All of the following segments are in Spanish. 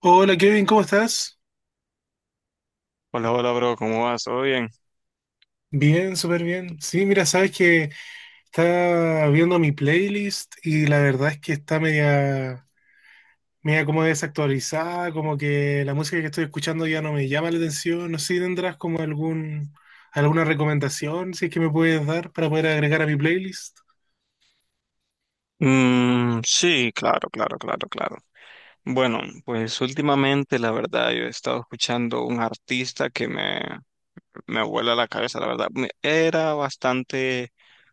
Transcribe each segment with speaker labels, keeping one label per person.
Speaker 1: Hola, Kevin, ¿cómo estás?
Speaker 2: Hola, hola, bro, ¿cómo vas? ¿Todo bien?
Speaker 1: Bien, súper bien. Sí, mira, sabes que estaba viendo mi playlist y la verdad es que está media como desactualizada, como que la música que estoy escuchando ya no me llama la atención. No sé si tendrás como alguna recomendación, si es que me puedes dar para poder agregar a mi playlist.
Speaker 2: Sí, claro, claro, claro, claro. Bueno, pues últimamente, la verdad, yo he estado escuchando un artista que me vuela la cabeza, la verdad. Me- Era bastante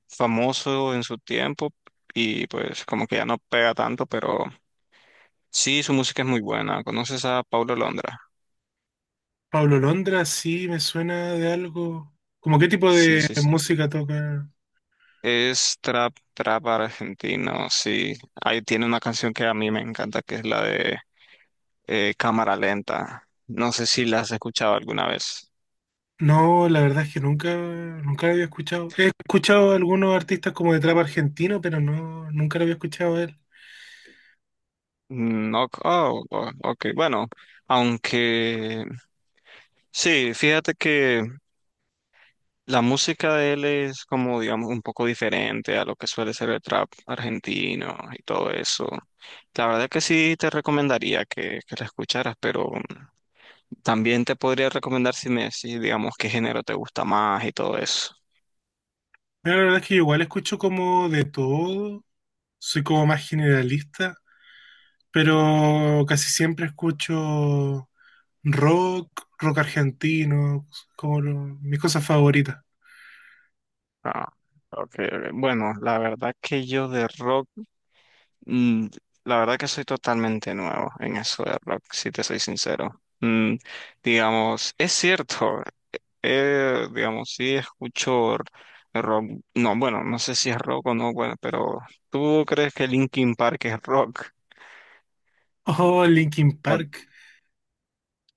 Speaker 2: famoso en su tiempo y pues como que ya no pega tanto, pero sí, su música es muy buena. ¿Conoces a Paulo Londra?
Speaker 1: Pablo Londra, sí, me suena de algo. ¿Cómo qué tipo
Speaker 2: Sí,
Speaker 1: de
Speaker 2: sí, sí.
Speaker 1: música toca?
Speaker 2: Es trap argentino, sí. Ahí tiene una canción que a mí me encanta, que es la de cámara lenta. No sé si las has escuchado alguna vez.
Speaker 1: No, la verdad es que nunca lo había escuchado. He escuchado a algunos artistas como de trap argentino, pero no, nunca lo había escuchado a él.
Speaker 2: No, oh, oh, ok, bueno, aunque sí, fíjate que la música de él es como, digamos, un poco diferente a lo que suele ser el trap argentino y todo eso. La verdad que sí te recomendaría que la escucharas, pero también te podría recomendar si me decís, digamos, qué género te gusta más y todo eso.
Speaker 1: Mira, la verdad es que yo igual escucho como de todo, soy como más generalista, pero casi siempre escucho rock, rock argentino, mis cosas favoritas.
Speaker 2: Ah, ok, ok. Bueno, la verdad que yo de rock. Mm, la verdad que soy totalmente nuevo en eso de rock, si te soy sincero. Digamos, es cierto, digamos, rock, no, bueno, no sé si es rock o no, bueno, pero ¿tú crees que Linkin Park es rock?
Speaker 1: Oh, Linkin
Speaker 2: O-
Speaker 1: Park.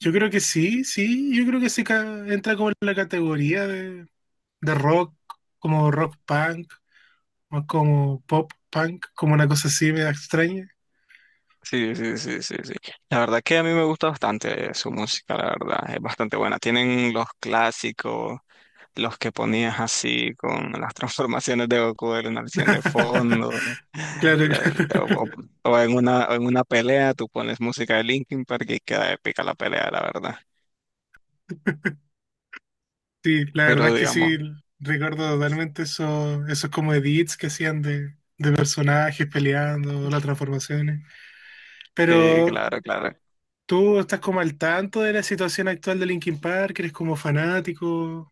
Speaker 1: Yo creo que sí, sí, yo creo que sí entra como en la categoría de rock, como rock punk, más como pop, punk, como una cosa así media extraña.
Speaker 2: sí, sí, sí, sí, sí. La verdad que a mí me gusta bastante su música, la verdad, es bastante buena. Tienen los clásicos. Los que ponías así con las transformaciones de Goku en una acción de fondo,
Speaker 1: Claro, claro.
Speaker 2: la- o, o en o en una pelea tú pones música de Linkin Park y queda épica la pelea, la verdad.
Speaker 1: Sí, la verdad
Speaker 2: Pero
Speaker 1: es que
Speaker 2: digamos,
Speaker 1: sí, recuerdo totalmente eso, esos como edits que hacían de personajes peleando, las transformaciones.
Speaker 2: sí,
Speaker 1: Pero
Speaker 2: claro, claro.
Speaker 1: tú estás como al tanto de la situación actual de Linkin Park, eres como fanático.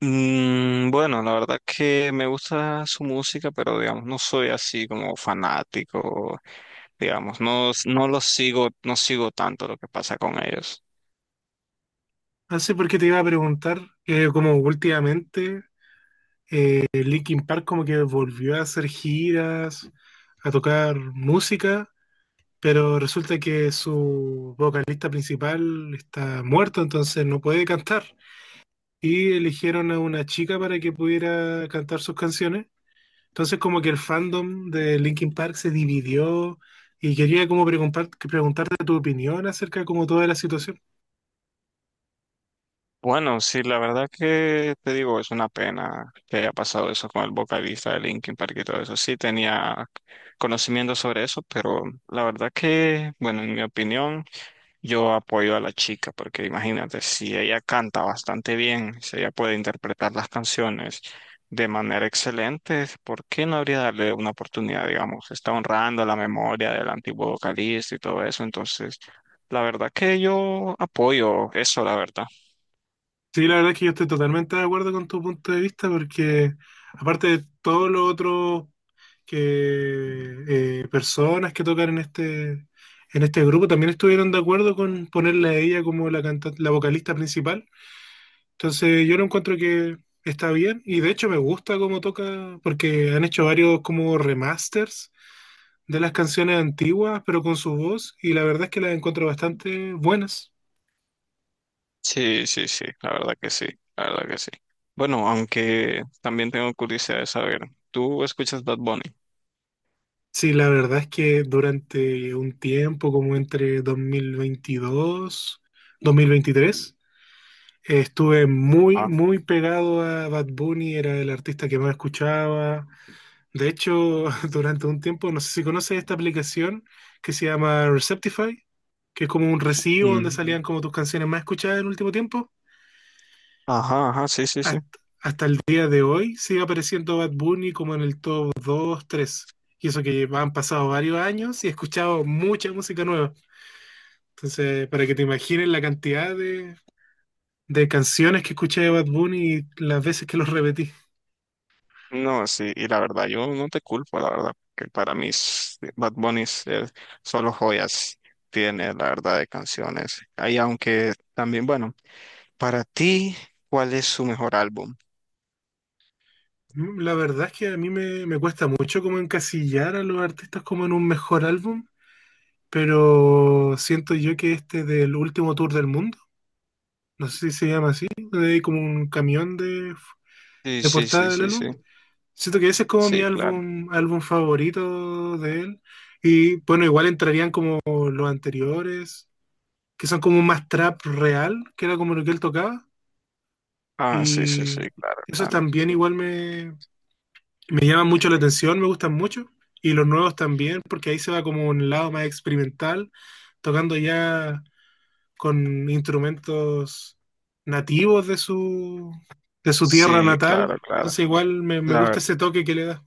Speaker 2: Bueno, la verdad que me gusta su música, pero digamos, no soy así como fanático, digamos, no lo sigo, no sigo tanto lo que pasa con ellos.
Speaker 1: No sé por qué te iba a preguntar, que como últimamente Linkin Park como que volvió a hacer giras, a tocar música. Pero resulta que su vocalista principal está muerto, entonces no puede cantar. Y eligieron a una chica para que pudiera cantar sus canciones. Entonces como que el fandom de Linkin Park se dividió y quería como preguntarte tu opinión acerca como toda la situación.
Speaker 2: Bueno, sí, la verdad que te digo, es una pena que haya pasado eso con el vocalista de Linkin Park y todo eso. Sí, tenía conocimiento sobre eso, pero la verdad que, bueno, en mi opinión, yo apoyo a la chica, porque imagínate, si ella canta bastante bien, si ella puede interpretar las canciones de manera excelente, ¿por qué no habría darle una oportunidad, digamos? Está honrando la memoria del antiguo vocalista y todo eso, entonces, la verdad que yo apoyo eso, la verdad.
Speaker 1: Sí, la verdad es que yo estoy totalmente de acuerdo con tu punto de vista porque aparte de todo lo otro que personas que tocaron en este grupo también estuvieron de acuerdo con ponerla a ella como la vocalista principal. Entonces yo lo encuentro que está bien y de hecho me gusta cómo toca porque han hecho varios como remasters de las canciones antiguas pero con su voz y la verdad es que las encuentro bastante buenas.
Speaker 2: Sí, sí, sí, la verdad que sí, la verdad que sí. Bueno, aunque también tengo curiosidad de saber, ¿tú escuchas Bad Bunny?
Speaker 1: Sí, la verdad es que durante un tiempo, como entre 2022, 2023, estuve
Speaker 2: Ah.
Speaker 1: muy pegado a Bad Bunny, era el artista que más escuchaba. De hecho, durante un tiempo, no sé si conoces esta aplicación que se llama Receptify, que es como un recibo donde salían
Speaker 2: Mm.
Speaker 1: como tus canciones más escuchadas en el último tiempo.
Speaker 2: Ajá, ajá, sí, sí, sí.
Speaker 1: Hasta hasta el día de hoy sigue apareciendo Bad Bunny como en el top 2 tres. Y eso que han pasado varios años y he escuchado mucha música nueva. Entonces, para que te imagines la cantidad de canciones que escuché de Bad Bunny y las veces que los repetí.
Speaker 2: No, sí, y la verdad, yo no te culpo, la verdad, que para mí s- Bad Bunny es- solo joyas tiene, la verdad, de canciones. Ahí, aunque también, bueno, para ti, ¿cuál es su mejor álbum?
Speaker 1: Mm, la verdad es que a me cuesta mucho como encasillar a los artistas como en un mejor álbum, pero siento yo que este del último tour del mundo, no sé si se llama así, donde hay como un camión
Speaker 2: Sí,
Speaker 1: de
Speaker 2: sí,
Speaker 1: portada
Speaker 2: sí,
Speaker 1: del
Speaker 2: sí, sí,
Speaker 1: álbum. Siento que ese es como mi
Speaker 2: sí, claro.
Speaker 1: álbum favorito de él. Y bueno, igual entrarían como los anteriores, que son como más trap real, que era como lo que él tocaba.
Speaker 2: Ah, sí, sí,
Speaker 1: Y
Speaker 2: sí, claro,
Speaker 1: esos
Speaker 2: claro.
Speaker 1: también igual me llaman mucho la atención, me gustan mucho. Y los nuevos también, porque ahí se va como un lado más experimental, tocando ya con instrumentos nativos de de su tierra
Speaker 2: Sí,
Speaker 1: natal.
Speaker 2: claro,
Speaker 1: Entonces
Speaker 2: claro.
Speaker 1: igual me
Speaker 2: La
Speaker 1: gusta
Speaker 2: verdad.
Speaker 1: ese toque que le da.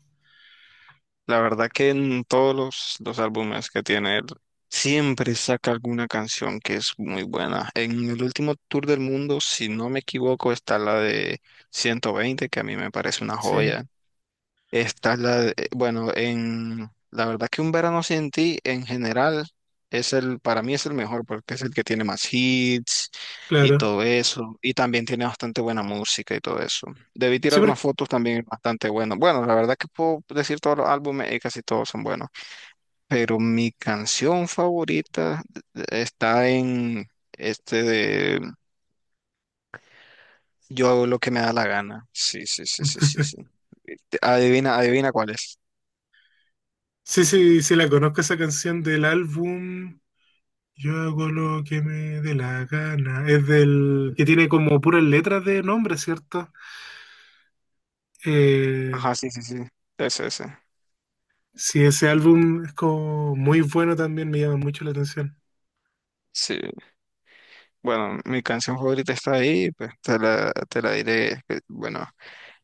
Speaker 2: La verdad que en todos los álbumes que tiene él, siempre saca alguna canción que es muy buena. En el último tour del mundo, si no me equivoco, está la de 120, que a mí me parece una
Speaker 1: Sí,
Speaker 2: joya. Esta es bueno, en la verdad que un verano sin ti en general es para mí es el mejor porque es el que tiene más hits y
Speaker 1: claro.
Speaker 2: todo eso. Y también tiene bastante buena música y todo eso. Debí
Speaker 1: Sí,
Speaker 2: tirar más
Speaker 1: porque
Speaker 2: fotos también es bastante bueno. Bueno, la verdad que puedo decir todos los álbumes y casi todos son buenos. Pero mi canción favorita está en este de Yo hago lo que me da la gana. Sí, sí, sí, sí, sí, sí. Adivina, adivina cuál es.
Speaker 1: sí, sí, sí, la conozco esa canción del álbum Yo hago lo que me dé la gana. Es del que tiene como puras letras de nombre, ¿cierto? Eh,
Speaker 2: Ajá, sí, sí, sí. Ese, ese.
Speaker 1: sí, ese álbum es como muy bueno también, me llama mucho la atención.
Speaker 2: Sí, bueno, mi canción favorita está ahí, pues te te la diré. Bueno,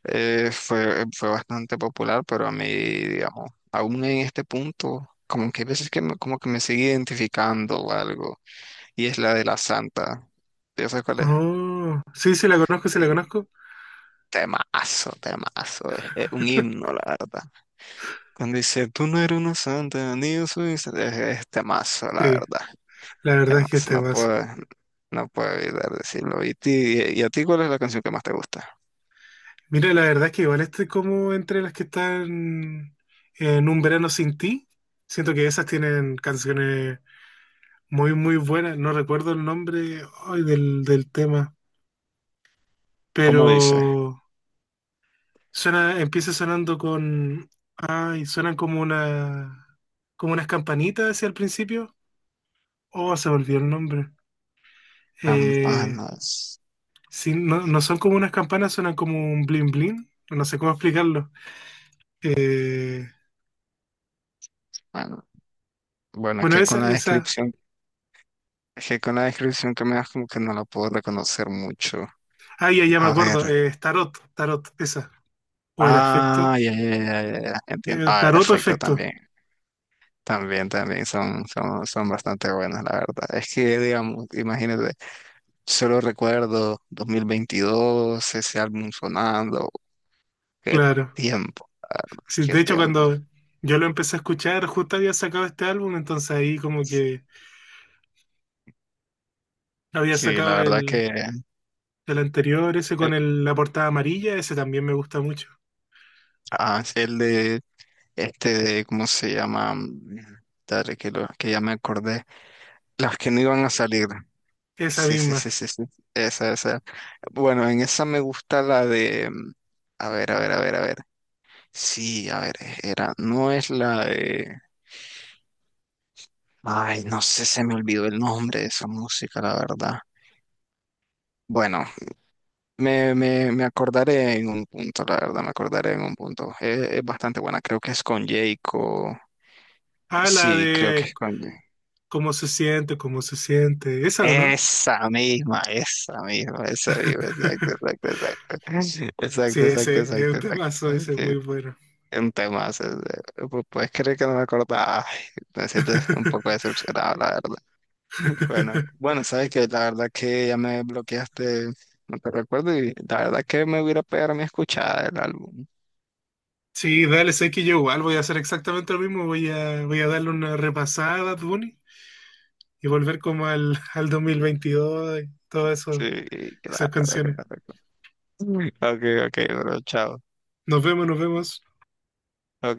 Speaker 2: fue bastante popular, pero a mí, digamos, aún en este punto, como que hay veces que como que me sigue identificando o algo, y es la de la Santa. ¿Ya sabes cuál es?
Speaker 1: Oh, sí, sí, la conozco, sí,
Speaker 2: Sí,
Speaker 1: la conozco.
Speaker 2: temazo, temazo, es un himno, la verdad. Cuando dice, tú no eres una santa, ni yo soy, un santa", es temazo, la
Speaker 1: Sí,
Speaker 2: verdad.
Speaker 1: la verdad es que
Speaker 2: Además,
Speaker 1: este
Speaker 2: no
Speaker 1: vaso.
Speaker 2: puedo, no puedo evitar decirlo. ¿Y, ti- y a ti cuál es la canción que más te gusta?
Speaker 1: Mira, la verdad es que igual este como entre las que están en Un Verano Sin Ti. Siento que esas tienen canciones muy, muy buena. No recuerdo el nombre, ay, del tema,
Speaker 2: ¿Cómo dice?
Speaker 1: pero suena, empieza sonando con, ay, suenan como una, como unas campanitas hacia el principio. Oh, se me olvidó el nombre. Eh,
Speaker 2: Campanas.
Speaker 1: sí, no, no son como unas campanas, suenan como un bling bling. No sé cómo explicarlo. Eh,
Speaker 2: Bueno, bueno, es
Speaker 1: bueno,
Speaker 2: que
Speaker 1: esa,
Speaker 2: con la
Speaker 1: esa.
Speaker 2: descripción, es que con la descripción que me das como que no la puedo reconocer mucho.
Speaker 1: Ah, ya, ya me
Speaker 2: A ver.
Speaker 1: acuerdo. Es tarot, esa. O era efecto.
Speaker 2: Ah, ya, ya, ya, ya, ya, entiendo.
Speaker 1: Eh,
Speaker 2: Ah, el
Speaker 1: tarot o
Speaker 2: efecto
Speaker 1: efecto,
Speaker 2: también. También, también son bastante buenas, la verdad. Es que, digamos, imagínate, solo recuerdo 2022, ese álbum sonando, qué
Speaker 1: claro.
Speaker 2: tiempo, la verdad,
Speaker 1: Sí,
Speaker 2: qué
Speaker 1: de hecho,
Speaker 2: tiempo.
Speaker 1: cuando yo lo empecé a escuchar, justo había sacado este álbum, entonces ahí como
Speaker 2: Sí,
Speaker 1: que había
Speaker 2: sí, la
Speaker 1: sacado
Speaker 2: verdad que
Speaker 1: el anterior, ese
Speaker 2: eh,
Speaker 1: la portada amarilla, ese también me gusta mucho.
Speaker 2: sí, el de, ¿cómo se llama? Dale, que ya me acordé, las que no iban a salir.
Speaker 1: Esa
Speaker 2: Sí, sí, sí,
Speaker 1: misma.
Speaker 2: sí, sí, esa, esa. Bueno, en esa me gusta la a ver, a ver, a ver, a ver. Sí, a ver, era, no es la de... Ay, no sé, se me olvidó el nombre de esa música, la verdad. Bueno, me acordaré en un punto, la verdad, me acordaré en un punto. Es bastante buena, creo que es con Jayco.
Speaker 1: Ah, la
Speaker 2: Sí, creo que
Speaker 1: de
Speaker 2: es con... Jay-
Speaker 1: cómo se siente, cómo se siente. ¿Esa o no?
Speaker 2: Esa misma, esa misma, esa misma, exacto, exacto, exacto.
Speaker 1: Sí,
Speaker 2: Exacto, exacto,
Speaker 1: ese es un
Speaker 2: exacto, exacto.
Speaker 1: temazo,
Speaker 2: Exacto,
Speaker 1: ese es
Speaker 2: sí.
Speaker 1: muy bueno.
Speaker 2: Un tema, puedes creer que no me acordaba. Ay, me siento un poco decepcionado, la verdad. Bueno, bueno, sabes que la verdad que ya me bloqueaste, no te recuerdo, y la verdad que me voy a ir a pegar mi escuchada del álbum.
Speaker 1: Sí, dale, sé que yo igual voy a hacer exactamente lo mismo, voy a darle una repasada a Bad Bunny y volver como al 2022 y todo eso,
Speaker 2: Sí,
Speaker 1: esas
Speaker 2: claro, claro,
Speaker 1: canciones.
Speaker 2: claro. Ok, ok, bro, chao.
Speaker 1: Nos vemos, nos vemos.
Speaker 2: Ok.